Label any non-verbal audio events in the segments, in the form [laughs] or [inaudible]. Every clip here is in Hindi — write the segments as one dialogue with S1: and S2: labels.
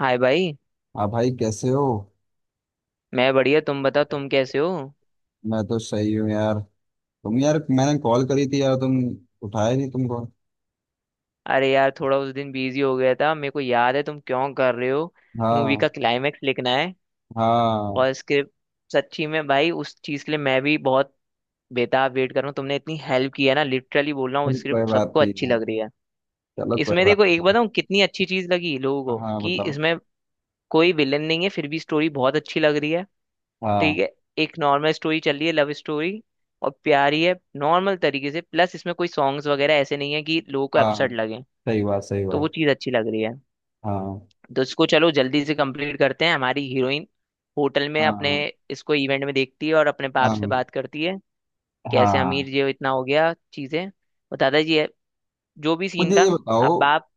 S1: हाय भाई।
S2: हाँ भाई, कैसे हो।
S1: मैं बढ़िया, तुम बताओ तुम कैसे हो।
S2: मैं तो सही हूँ यार। तुम यार, मैंने कॉल करी थी यार, तुम उठाए नहीं तुमको।
S1: अरे यार, थोड़ा उस दिन बिजी हो गया था, मेरे को याद है तुम क्यों कर रहे हो। मूवी का
S2: हाँ।
S1: क्लाइमेक्स लिखना है
S2: हाँ,
S1: और स्क्रिप्ट। सच्ची में भाई, उस चीज़ के लिए मैं भी बहुत बेताब वेट कर रहा हूँ, तुमने इतनी हेल्प की है ना, लिटरली बोल रहा हूँ,
S2: अरे कोई
S1: स्क्रिप्ट
S2: बात
S1: सबको
S2: नहीं
S1: अच्छी
S2: यार।
S1: लग रही है।
S2: चलो कोई
S1: इसमें
S2: बात
S1: देखो, एक
S2: नहीं।
S1: बताऊँ कितनी अच्छी चीज़ लगी लोगों
S2: यार
S1: को,
S2: हाँ
S1: कि
S2: बताओ।
S1: इसमें कोई विलन नहीं है फिर भी स्टोरी बहुत अच्छी लग रही है।
S2: हाँ।
S1: ठीक है। एक नॉर्मल स्टोरी चल रही है, लव स्टोरी, और प्यारी है नॉर्मल तरीके से। प्लस इसमें कोई सॉन्ग्स वगैरह ऐसे नहीं है कि लोगों को
S2: हाँ,
S1: अपसेट लगे।
S2: सही बात, सही
S1: तो वो
S2: बात।
S1: चीज़ अच्छी लग रही है।
S2: हाँ।
S1: तो इसको चलो जल्दी से कंप्लीट करते हैं। हमारी हीरोइन होटल में अपने
S2: हाँ।
S1: इसको इवेंट में देखती है और अपने बाप
S2: हाँ।
S1: से बात करती है, कैसे
S2: हाँ,
S1: अमीर जी हो, इतना हो गया चीज़ें, और दादाजी है जो भी सीन
S2: मुझे ये
S1: था।
S2: बताओ
S1: अब बाप,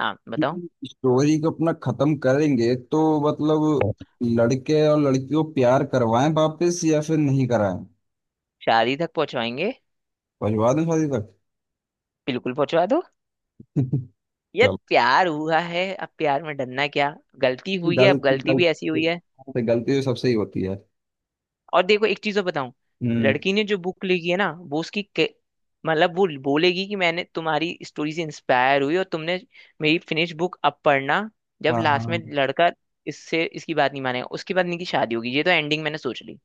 S1: हाँ बताओ।
S2: कि स्टोरी को अपना खत्म करेंगे तो, मतलब लड़के और लड़की को प्यार करवाएं वापस या फिर नहीं कराएं।
S1: शादी तक पहुंचवाएंगे,
S2: पहुंचवा दें शादी
S1: बिल्कुल पहुंचवा दो। ये
S2: तक।
S1: प्यार हुआ है, अब प्यार में डरना क्या। गलती हुई है, अब
S2: गलती,
S1: गलती भी ऐसी
S2: गलती
S1: हुई है।
S2: पे गलती तो सबसे ही होती है।
S1: और देखो, एक चीज और बताऊं।
S2: हम्म
S1: लड़की ने जो बुक लिखी है ना, वो उसकी मतलब वो बोलेगी कि मैंने तुम्हारी स्टोरी से इंस्पायर हुई, और तुमने मेरी फिनिश बुक अब पढ़ना जब
S2: हाँ।
S1: लास्ट में
S2: हाँ,
S1: लड़का इससे इसकी बात नहीं मानेगा, उसके बाद इनकी शादी होगी। ये तो एंडिंग मैंने सोच ली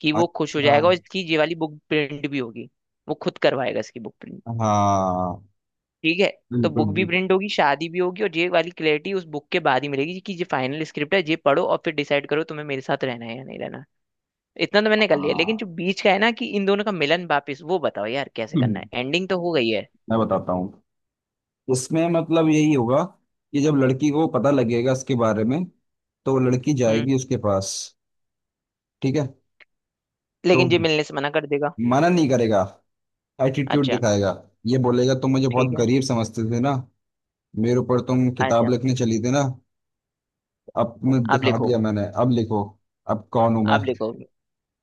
S1: कि वो खुश हो
S2: अच्छा।
S1: जाएगा और इसकी ये वाली बुक प्रिंट भी होगी। वो खुद करवाएगा इसकी बुक प्रिंट।
S2: हाँ,
S1: ठीक है। तो
S2: बिल्कुल
S1: बुक भी
S2: बिल्कुल।
S1: प्रिंट होगी, शादी भी होगी, और ये वाली क्लैरिटी उस बुक के बाद ही मिलेगी कि ये फाइनल स्क्रिप्ट है, ये पढ़ो और फिर डिसाइड करो तुम्हें मेरे साथ रहना है या नहीं रहना। इतना तो मैंने कर लिया, लेकिन
S2: हाँ।
S1: जो बीच का है ना, कि इन दोनों का मिलन वापिस, वो बताओ यार कैसे करना है।
S2: हम्म,
S1: एंडिंग तो हो गई है।
S2: मैं बताता हूँ। इसमें मतलब यही होगा कि जब लड़की को पता लगेगा इसके बारे में तो वो लड़की
S1: हम्म।
S2: जाएगी उसके पास। ठीक है। तो
S1: लेकिन ये मिलने से मना कर देगा।
S2: मना नहीं करेगा, एटीट्यूड
S1: अच्छा।
S2: दिखाएगा। ये बोलेगा तुम मुझे बहुत
S1: ठीक है।
S2: गरीब समझते थे ना। मेरे ऊपर तुम किताब
S1: अच्छा।
S2: लिखने चली थी ना। अब तुमने
S1: अब
S2: दिखा
S1: लिखो,
S2: दिया, मैंने अब लिखो। अब कौन हूं मैं।
S1: अब लिखो।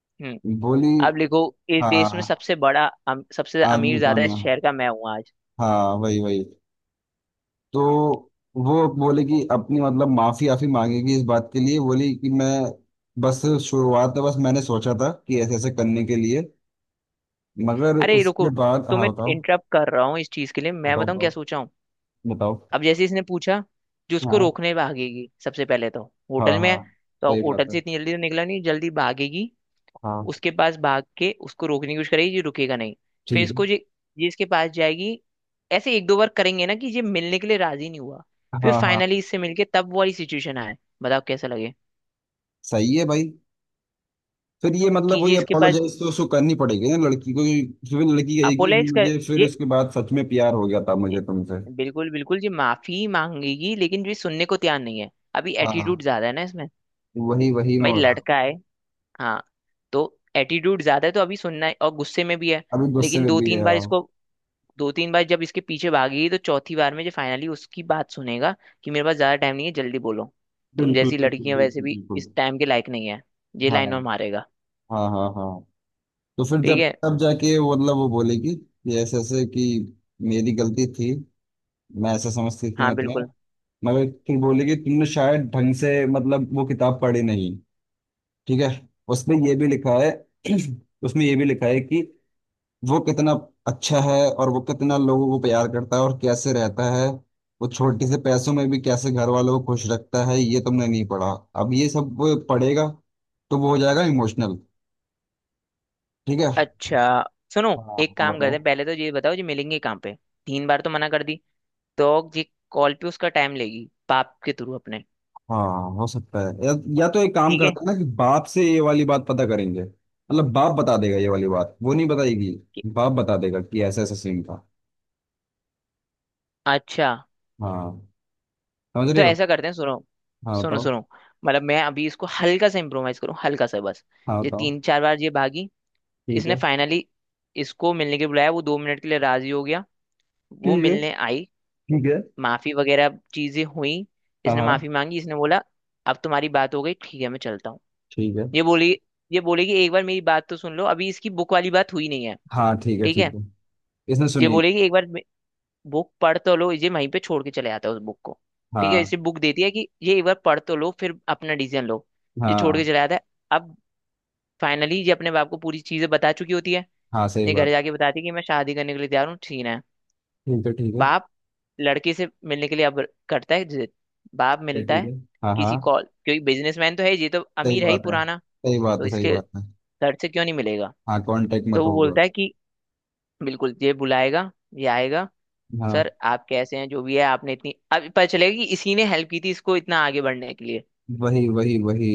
S1: हम्म।
S2: बोली।
S1: अब लिखो। इस देश में
S2: हाँ।
S1: सबसे बड़ा सबसे अमीर
S2: आदमी
S1: ज्यादा
S2: कौन है।
S1: इस शहर का मैं हूँ आज।
S2: हाँ, वही वही। तो वो बोले कि अपनी, मतलब माफी आफी मांगेगी इस बात के लिए। बोली कि मैं बस, शुरुआत में बस मैंने सोचा था कि ऐसे ऐसे करने के लिए, मगर
S1: अरे रुको,
S2: उसके बाद। हाँ
S1: तुम्हें
S2: बताओ।
S1: इंटरप्ट कर रहा हूँ इस चीज के लिए, मैं
S2: बताओ
S1: बताऊँ
S2: बताओ।
S1: क्या सोचा हूँ।
S2: बताओ।
S1: अब जैसे इसने पूछा, जो उसको
S2: हाँ
S1: रोकने भागेगी सबसे पहले तो,
S2: हाँ।
S1: होटल में है,
S2: हाँ,
S1: तो
S2: सही बात
S1: होटल
S2: है।
S1: से इतनी जल्दी तो निकला नहीं, जल्दी भागेगी
S2: हाँ,
S1: उसके पास, भाग के उसको रोकने की कोशिश करेगी, ये रुकेगा नहीं। फिर
S2: ठीक है।
S1: इसको ये इसके पास जाएगी। ऐसे एक दो बार करेंगे ना, कि ये मिलने के लिए राजी नहीं हुआ, फिर
S2: हाँ हाँ।
S1: फाइनली इससे मिलके तब वो वाली सिचुएशन आए। बताओ कैसा लगे।
S2: सही है भाई। फिर ये,
S1: कि
S2: मतलब
S1: ये
S2: वही
S1: इसके पास
S2: अपोलोजाइज तो उसको करनी पड़ेगी ना लड़की को, क्योंकि फिर लड़की कहेगी
S1: अपोलाइज कर,
S2: मुझे, फिर
S1: ये,
S2: उसके बाद सच में प्यार हो गया था
S1: ये
S2: मुझे तुमसे।
S1: बिल्कुल बिल्कुल ये माफी मांगेगी, लेकिन ये सुनने को तैयार नहीं है, अभी एटीट्यूड
S2: हाँ,
S1: ज्यादा है ना इसमें।
S2: वही वही
S1: भाई
S2: मैं बता।
S1: लड़का है। हाँ। तो एटीट्यूड ज्यादा है, तो अभी सुनना है और गुस्से में भी है।
S2: अभी गुस्से
S1: लेकिन
S2: में
S1: दो
S2: भी है
S1: तीन बार
S2: हाँ।
S1: इसको, दो तीन बार जब इसके पीछे भागी, तो चौथी बार में जो फाइनली उसकी बात सुनेगा कि मेरे पास ज्यादा टाइम नहीं है, जल्दी बोलो। तुम
S2: बिल्कुल
S1: जैसी
S2: बिल्कुल
S1: लड़कियां वैसे
S2: बिल्कुल
S1: भी
S2: बिल्कुल।
S1: इस टाइम के लायक नहीं है, ये लाइन और
S2: हाँ
S1: मारेगा।
S2: हाँ हाँ। हाँ, तो फिर
S1: ठीक
S2: जब
S1: है।
S2: तब जाके वो, मतलब वो बोलेगी कि ऐसे ऐसे कि मेरी गलती थी। मैं ऐसा समझती थी,
S1: हाँ बिल्कुल।
S2: मतलब। मगर फिर बोलेगी तुमने शायद ढंग से, मतलब वो किताब पढ़ी नहीं। ठीक है। उसमें ये भी लिखा है। [clears throat] उसमें ये भी लिखा है कि वो कितना अच्छा है, और वो कितना लोगों को प्यार करता है और कैसे रहता है। वो छोटे से पैसों में भी कैसे घर वालों को खुश रखता है, ये तुमने नहीं पढ़ा। अब ये सब वो पढ़ेगा तो वो हो जाएगा इमोशनल। ठीक है।
S1: अच्छा सुनो,
S2: हाँ
S1: एक
S2: हाँ
S1: काम करते
S2: बताओ।
S1: हैं, पहले तो ये बताओ जो मिलेंगे कहाँ पे। तीन बार तो मना कर दी, तो ये कॉल पे उसका टाइम लेगी बाप के थ्रू अपने।
S2: हाँ हो सकता है, या तो एक काम
S1: ठीक है
S2: करता है ना कि बाप से ये वाली बात पता करेंगे, मतलब बाप बता देगा ये वाली बात, वो नहीं बताएगी।
S1: कि-
S2: बाप बता देगा कि ऐसा ऐसा सीन था।
S1: अच्छा।
S2: हाँ, समझ रहे
S1: तो
S2: हो।
S1: ऐसा करते हैं, सुनो
S2: हाँ
S1: सुनो
S2: बताओ।
S1: सुनो, मतलब मैं अभी इसको हल्का सा इम्प्रोवाइज करूँ, हल्का सा बस।
S2: हाँ
S1: ये
S2: बताओ।
S1: तीन चार बार ये भागी,
S2: ठीक
S1: इसने
S2: है,
S1: फाइनली इसको मिलने के लिए बुलाया, वो 2 मिनट के लिए राजी हो गया, वो
S2: ठीक है,
S1: मिलने आई,
S2: ठीक है।
S1: माफी वगैरह चीजें हुई,
S2: हाँ
S1: इसने
S2: हाँ,
S1: माफी मांगी, इसने बोला अब तुम्हारी बात हो गई ठीक है मैं चलता हूँ।
S2: ठीक है।
S1: ये बोली, ये बोलेगी एक बार मेरी बात तो सुन लो, अभी इसकी बुक वाली बात हुई नहीं है।
S2: हाँ, ठीक है
S1: ठीक
S2: ठीक
S1: है।
S2: है। इसने
S1: ये
S2: सुनील।
S1: बोलेगी एक बार बुक पढ़ तो लो, ये वहीं पे छोड़ के चले जाता है उस बुक को। ठीक है,
S2: हाँ।
S1: इसे बुक देती है कि ये एक बार पढ़ तो लो फिर अपना डिसीजन लो। ये छोड़ के
S2: हाँ
S1: चला जाता है। अब फाइनली ये अपने बाप को पूरी चीजें बता चुकी होती है,
S2: हाँ, सही
S1: ये घर
S2: बात।
S1: जाके बताती है कि मैं शादी करने के लिए तैयार हूँ, ठीक है।
S2: ठीक है, ठीक है, ठीक
S1: बाप लड़की से मिलने के लिए अब करता है जिद, बाप
S2: है,
S1: मिलता
S2: ठीक
S1: है
S2: है। हाँ हाँ,
S1: किसी कॉल, क्योंकि बिजनेसमैन तो है ये, तो
S2: सही
S1: अमीर है ही
S2: बात है,
S1: पुराना,
S2: सही बात
S1: तो
S2: है, सही
S1: इसके
S2: बात है।
S1: सर से क्यों नहीं मिलेगा।
S2: हाँ, कांटेक्ट
S1: तो
S2: मत
S1: वो
S2: होगा।
S1: बोलता है कि बिल्कुल ये बुलाएगा, ये आएगा,
S2: हाँ,
S1: सर आप कैसे हैं, जो भी है आपने इतनी, अब पता चलेगा कि इसी ने हेल्प की थी इसको इतना आगे बढ़ने के लिए,
S2: वही वही वही।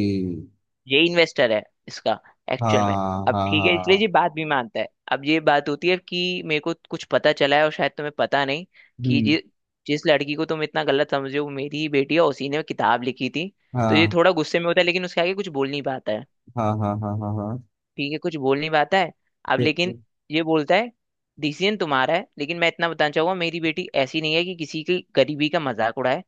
S1: ये इन्वेस्टर है इसका एक्चुअल में।
S2: हाँ
S1: अब
S2: हाँ
S1: ठीक है, इसलिए ये
S2: हाँ।
S1: बात भी मानता है। अब ये बात होती है कि मेरे को कुछ पता चला है और शायद तुम्हें पता नहीं, कि
S2: हम्म
S1: जिस लड़की को तुम इतना गलत समझे हो वो मेरी ही बेटी है, और उसी ने किताब लिखी थी। तो ये
S2: हाँ।
S1: थोड़ा गुस्से में होता है, लेकिन उसके आगे कुछ बोल नहीं पाता है।
S2: हाँ हाँ हाँ हाँ हाँ।
S1: ठीक है, कुछ बोल नहीं पाता है। अब लेकिन
S2: बिल्कुल
S1: ये बोलता है, डिसीजन तुम्हारा है, लेकिन मैं इतना बताना चाहूंगा, मेरी बेटी ऐसी नहीं है कि किसी की गरीबी का मजाक उड़ाए,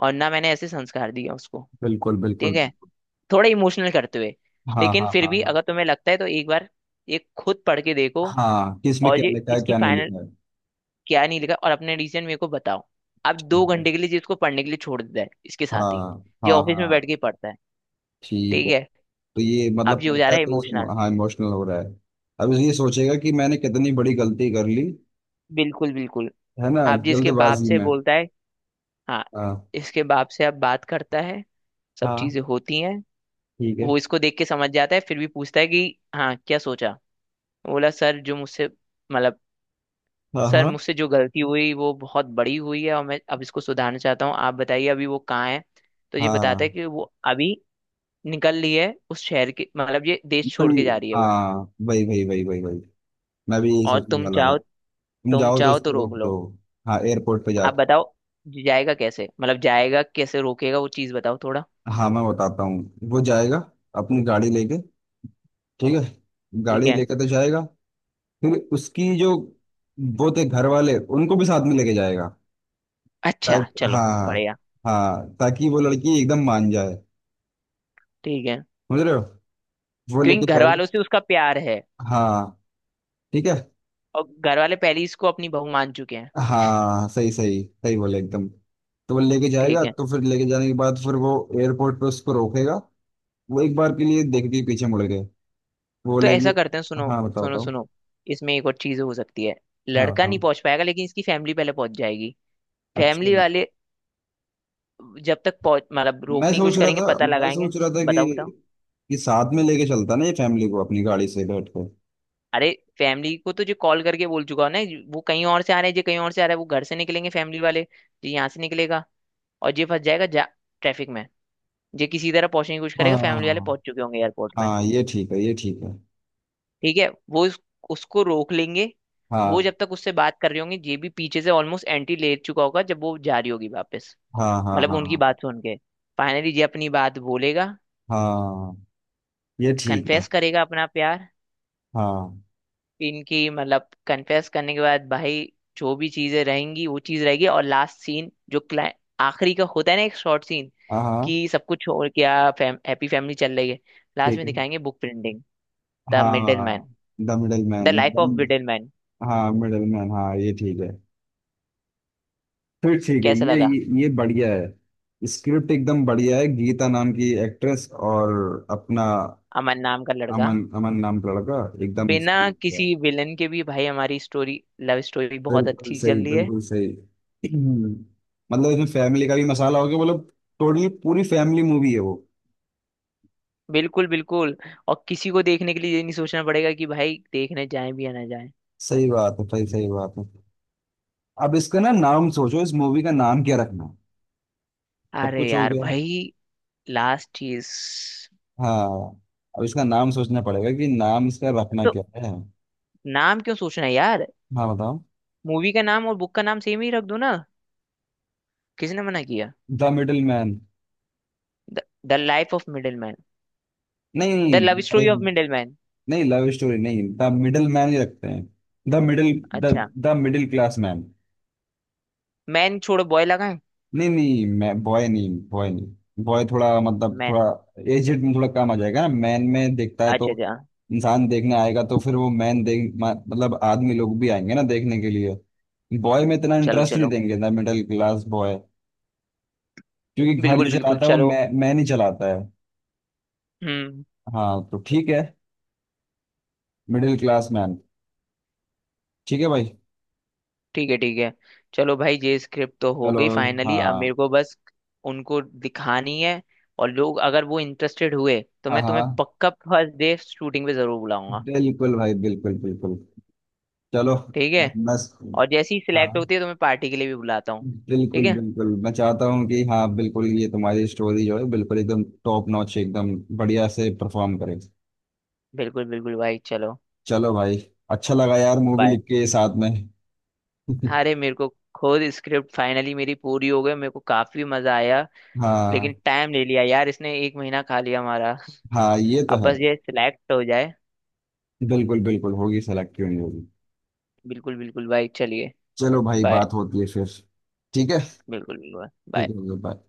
S1: और ना मैंने ऐसे संस्कार दिया उसको।
S2: बिल्कुल बिल्कुल
S1: ठीक है,
S2: बिल्कुल।
S1: थोड़ा इमोशनल करते हुए,
S2: हाँ
S1: लेकिन
S2: हाँ
S1: फिर
S2: हाँ
S1: भी
S2: हाँ।
S1: अगर तुम्हें लगता है तो एक बार ये खुद पढ़ के देखो।
S2: हाँ, किस में
S1: और
S2: क्या
S1: ये
S2: लिखा है
S1: इसकी
S2: क्या नहीं
S1: फाइनल,
S2: लिखा है।
S1: क्या नहीं लिखा और अपने रीजन मेरे को बताओ। आप दो
S2: ठीक है।
S1: घंटे के लिए जिसको पढ़ने के लिए छोड़ देता है इसके
S2: हाँ
S1: साथ ही, ये
S2: हाँ
S1: ऑफिस में बैठ
S2: हाँ।
S1: के ही पढ़ता है।
S2: ठीक
S1: ठीक
S2: है।
S1: है।
S2: तो ये मतलब
S1: अब ये हो जा
S2: पढ़ता है
S1: रहा है
S2: तो इस।
S1: इमोशनल।
S2: हाँ इमोशनल हो रहा है। अब ये सोचेगा कि मैंने कितनी बड़ी गलती कर ली,
S1: बिल्कुल बिल्कुल।
S2: है ना।
S1: आप जिसके बाप
S2: जल्दबाजी
S1: से
S2: में।
S1: बोलता है, हाँ,
S2: हाँ।
S1: इसके बाप से आप बात करता है, सब
S2: हाँ,
S1: चीजें होती हैं।
S2: ठीक है।
S1: वो इसको देख के समझ जाता है, फिर भी पूछता है कि हाँ क्या सोचा। बोला सर, जो मुझसे, मतलब
S2: हाँ
S1: सर
S2: हाँ
S1: मुझसे जो गलती हुई वो बहुत बड़ी हुई है, और मैं अब इसको सुधारना चाहता हूँ, आप बताइए अभी वो कहाँ है। तो ये बताता
S2: हाँ।
S1: है कि वो अभी निकल रही है, उस शहर के मतलब ये देश छोड़
S2: कोई।
S1: के जा रही है वो,
S2: हाँ, वही वही वही वही वही। मैं भी यही
S1: और
S2: सोचने
S1: तुम
S2: वाला था।
S1: चाहो,
S2: तुम
S1: तुम
S2: जाओ तो
S1: चाहो तो
S2: उसको रोक
S1: रोक
S2: दो।
S1: लो।
S2: हाँ एयरपोर्ट पे
S1: आप
S2: जाके।
S1: बताओ जाएगा कैसे, मतलब जाएगा कैसे, रोकेगा वो चीज़ बताओ थोड़ा।
S2: हाँ मैं बताता हूँ, वो जाएगा अपनी गाड़ी लेके। ठीक है,
S1: ठीक
S2: गाड़ी
S1: है,
S2: लेके तो जाएगा। फिर उसकी जो वो थे घर वाले, उनको भी साथ में लेके जाएगा,
S1: अच्छा
S2: ताकि
S1: चलो
S2: हाँ।
S1: बढ़िया,
S2: हाँ, ताकि वो लड़की एकदम मान जाए।
S1: ठीक है,
S2: समझ रहे हो, वो
S1: क्योंकि
S2: लेके
S1: घर
S2: जाएगा।
S1: वालों से उसका प्यार है,
S2: हाँ। ठीक है।
S1: और घर वाले पहले ही इसको अपनी बहू मान चुके हैं।
S2: हाँ, सही सही सही बोले एकदम। तो वो लेके
S1: ठीक
S2: जाएगा,
S1: है।
S2: तो फिर लेके जाने के बाद फिर वो एयरपोर्ट पे उसको रोकेगा। वो एक बार के लिए देख के पीछे मुड़ गए, वो
S1: तो ऐसा करते हैं,
S2: लेके।
S1: सुनो
S2: हाँ बताओ
S1: सुनो
S2: बताओ।
S1: सुनो, इसमें एक और चीज हो सकती है,
S2: हाँ
S1: लड़का
S2: बताओ।
S1: नहीं पहुंच पाएगा, लेकिन इसकी फैमिली पहले पहुंच जाएगी।
S2: अच्छा,
S1: फैमिली वाले जब तक पहुंच, मतलब
S2: मैं
S1: रोकने की
S2: सोच
S1: कोशिश
S2: रहा
S1: करेंगे,
S2: था,
S1: पता
S2: मैं
S1: लगाएंगे।
S2: सोच रहा था
S1: बताओ बताओ।
S2: कि साथ में लेके चलता ना ये फैमिली को, अपनी गाड़ी से बैठ कर।
S1: अरे, फैमिली को तो जो कॉल करके बोल चुका हो ना, वो कहीं और से आ रहा है, जो कहीं और से आ रहा है, वो घर से निकलेंगे फैमिली वाले, जो यहाँ से निकलेगा और ये फंस जाएगा जा ट्रैफिक में, जो किसी तरह पहुंचने की कोशिश करेगा, फैमिली वाले
S2: हाँ
S1: पहुंच चुके होंगे एयरपोर्ट में।
S2: हाँ, ये ठीक है, ये ठीक है।
S1: ठीक है, वो उसको रोक लेंगे। वो
S2: हाँ
S1: जब तक उससे बात कर रही होंगी, ये भी पीछे से ऑलमोस्ट एंटी ले चुका होगा, जब वो जा रही होगी वापस,
S2: हाँ हाँ।
S1: मतलब उनकी
S2: हाँ
S1: बात सुन के फाइनली ये अपनी बात बोलेगा,
S2: हाँ, ये ठीक है।
S1: कन्फेस करेगा अपना प्यार।
S2: हाँ
S1: इनकी मतलब कन्फेस करने के बाद भाई जो भी चीजें रहेंगी वो चीज रहेगी, और लास्ट सीन जो क्लाइ आखिरी का होता है ना, एक शॉर्ट सीन,
S2: हाँ हाँ,
S1: कि सब कुछ, और क्या हैप्पी फैमिली चल रही है, लास्ट
S2: ठीक
S1: में
S2: है।
S1: दिखाएंगे बुक प्रिंटिंग। द मिडिल
S2: हाँ।
S1: Man.
S2: The middle
S1: the life of
S2: man.
S1: Middle man.
S2: हाँ, मिडलमैन, हाँ, ये ठीक है। फिर ठीक है,
S1: कैसा लगा।
S2: ये बढ़िया है। स्क्रिप्ट एकदम बढ़िया है। गीता नाम की एक्ट्रेस और अपना
S1: अमन नाम का लड़का।
S2: अमन, अमन नाम का लड़का। एकदम
S1: बिना
S2: सही किया।
S1: किसी विलन के भी भाई हमारी स्टोरी, लव स्टोरी, बहुत
S2: बिल्कुल
S1: अच्छी
S2: सही,
S1: चल रही है।
S2: बिल्कुल सही। मतलब इसमें फैमिली का भी मसाला हो गया। मतलब टोटली पूरी फैमिली मूवी है वो।
S1: बिल्कुल बिल्कुल। और किसी को देखने के लिए ये नहीं सोचना पड़ेगा कि भाई देखने जाए भी या ना जाए।
S2: सही बात है, सही सही बात है। अब इसका ना नाम सोचो, इस मूवी का नाम क्या रखना है? सब
S1: अरे
S2: कुछ हो
S1: यार
S2: गया।
S1: भाई, लास्ट चीज
S2: हाँ, अब इसका नाम सोचना पड़ेगा कि नाम इसका रखना
S1: तो,
S2: क्या है।
S1: नाम क्यों सोचना है यार,
S2: हाँ बताओ।
S1: मूवी का नाम और बुक का नाम सेम ही रख दो ना, किसने मना किया।
S2: The middle man.
S1: The life of middle man.
S2: नहीं।
S1: द लव स्टोरी ऑफ
S2: नहीं,
S1: मिडिल मैन।
S2: नहीं लव स्टोरी नहीं, द मिडिल मैन ही रखते हैं। The middle. द,
S1: अच्छा।
S2: The middle class man.
S1: Man छोड़ो, बॉय लगाएं।
S2: नहीं नहीं मैं बॉय नहीं, बॉय नहीं, बॉय थोड़ा, मतलब
S1: मैन।
S2: थोड़ा एजेड में थोड़ा कम आ जाएगा ना। मैन में देखता है तो
S1: अच्छा अच्छा।
S2: इंसान देखने आएगा, तो फिर वो मैन देख मतलब आदमी लोग भी आएंगे ना देखने के लिए। बॉय में इतना
S1: चलो
S2: इंटरेस्ट नहीं
S1: चलो।
S2: देंगे, द मिडिल क्लास बॉय। क्योंकि घर
S1: बिल्कुल
S2: जो
S1: बिल्कुल
S2: चलाता है, वो
S1: चलो।
S2: मैं मैन ही चलाता है।
S1: हम्म।
S2: हाँ, तो ठीक है, मिडिल क्लास मैन। ठीक है भाई।
S1: ठीक है, ठीक है। चलो भाई, ये स्क्रिप्ट तो हो
S2: चलो।
S1: गई फाइनली, अब मेरे
S2: हाँ।
S1: को बस उनको दिखानी है, और लोग अगर वो इंटरेस्टेड हुए तो
S2: हाँ
S1: मैं तुम्हें
S2: हाँ,
S1: पक्का फर्स्ट डे शूटिंग पे जरूर बुलाऊंगा।
S2: बिल्कुल भाई, बिल्कुल बिल्कुल। चलो।
S1: ठीक है।
S2: बस बस।
S1: और जैसी सिलेक्ट
S2: हाँ,
S1: होती है तो मैं पार्टी के लिए भी बुलाता हूँ।
S2: बिल्कुल
S1: ठीक है,
S2: बिल्कुल, मैं चाहता हूँ कि, हाँ बिल्कुल, ये तुम्हारी स्टोरी जो है बिल्कुल एकदम टॉप नॉच एकदम बढ़िया से परफॉर्म करे।
S1: बिल्कुल बिल्कुल भाई चलो।
S2: चलो भाई। अच्छा लगा यार मूवी
S1: बाय।
S2: लिख के साथ में। [laughs]
S1: अरे, मेरे को खुद स्क्रिप्ट फाइनली मेरी पूरी हो गई, मेरे को काफी मजा आया, लेकिन
S2: हाँ।
S1: टाइम ले लिया यार, इसने एक महीना खा लिया हमारा।
S2: हाँ, ये तो
S1: अब
S2: है।
S1: बस ये सिलेक्ट हो जाए।
S2: बिल्कुल बिल्कुल होगी सेलेक्ट, क्यों नहीं होगी।
S1: बिल्कुल बिल्कुल भाई चलिए।
S2: चलो भाई,
S1: बाय।
S2: बात होती है फिर। ठीक है।
S1: बिल्कुल बिल्कुल।
S2: ठीक
S1: bye।
S2: है, बाय।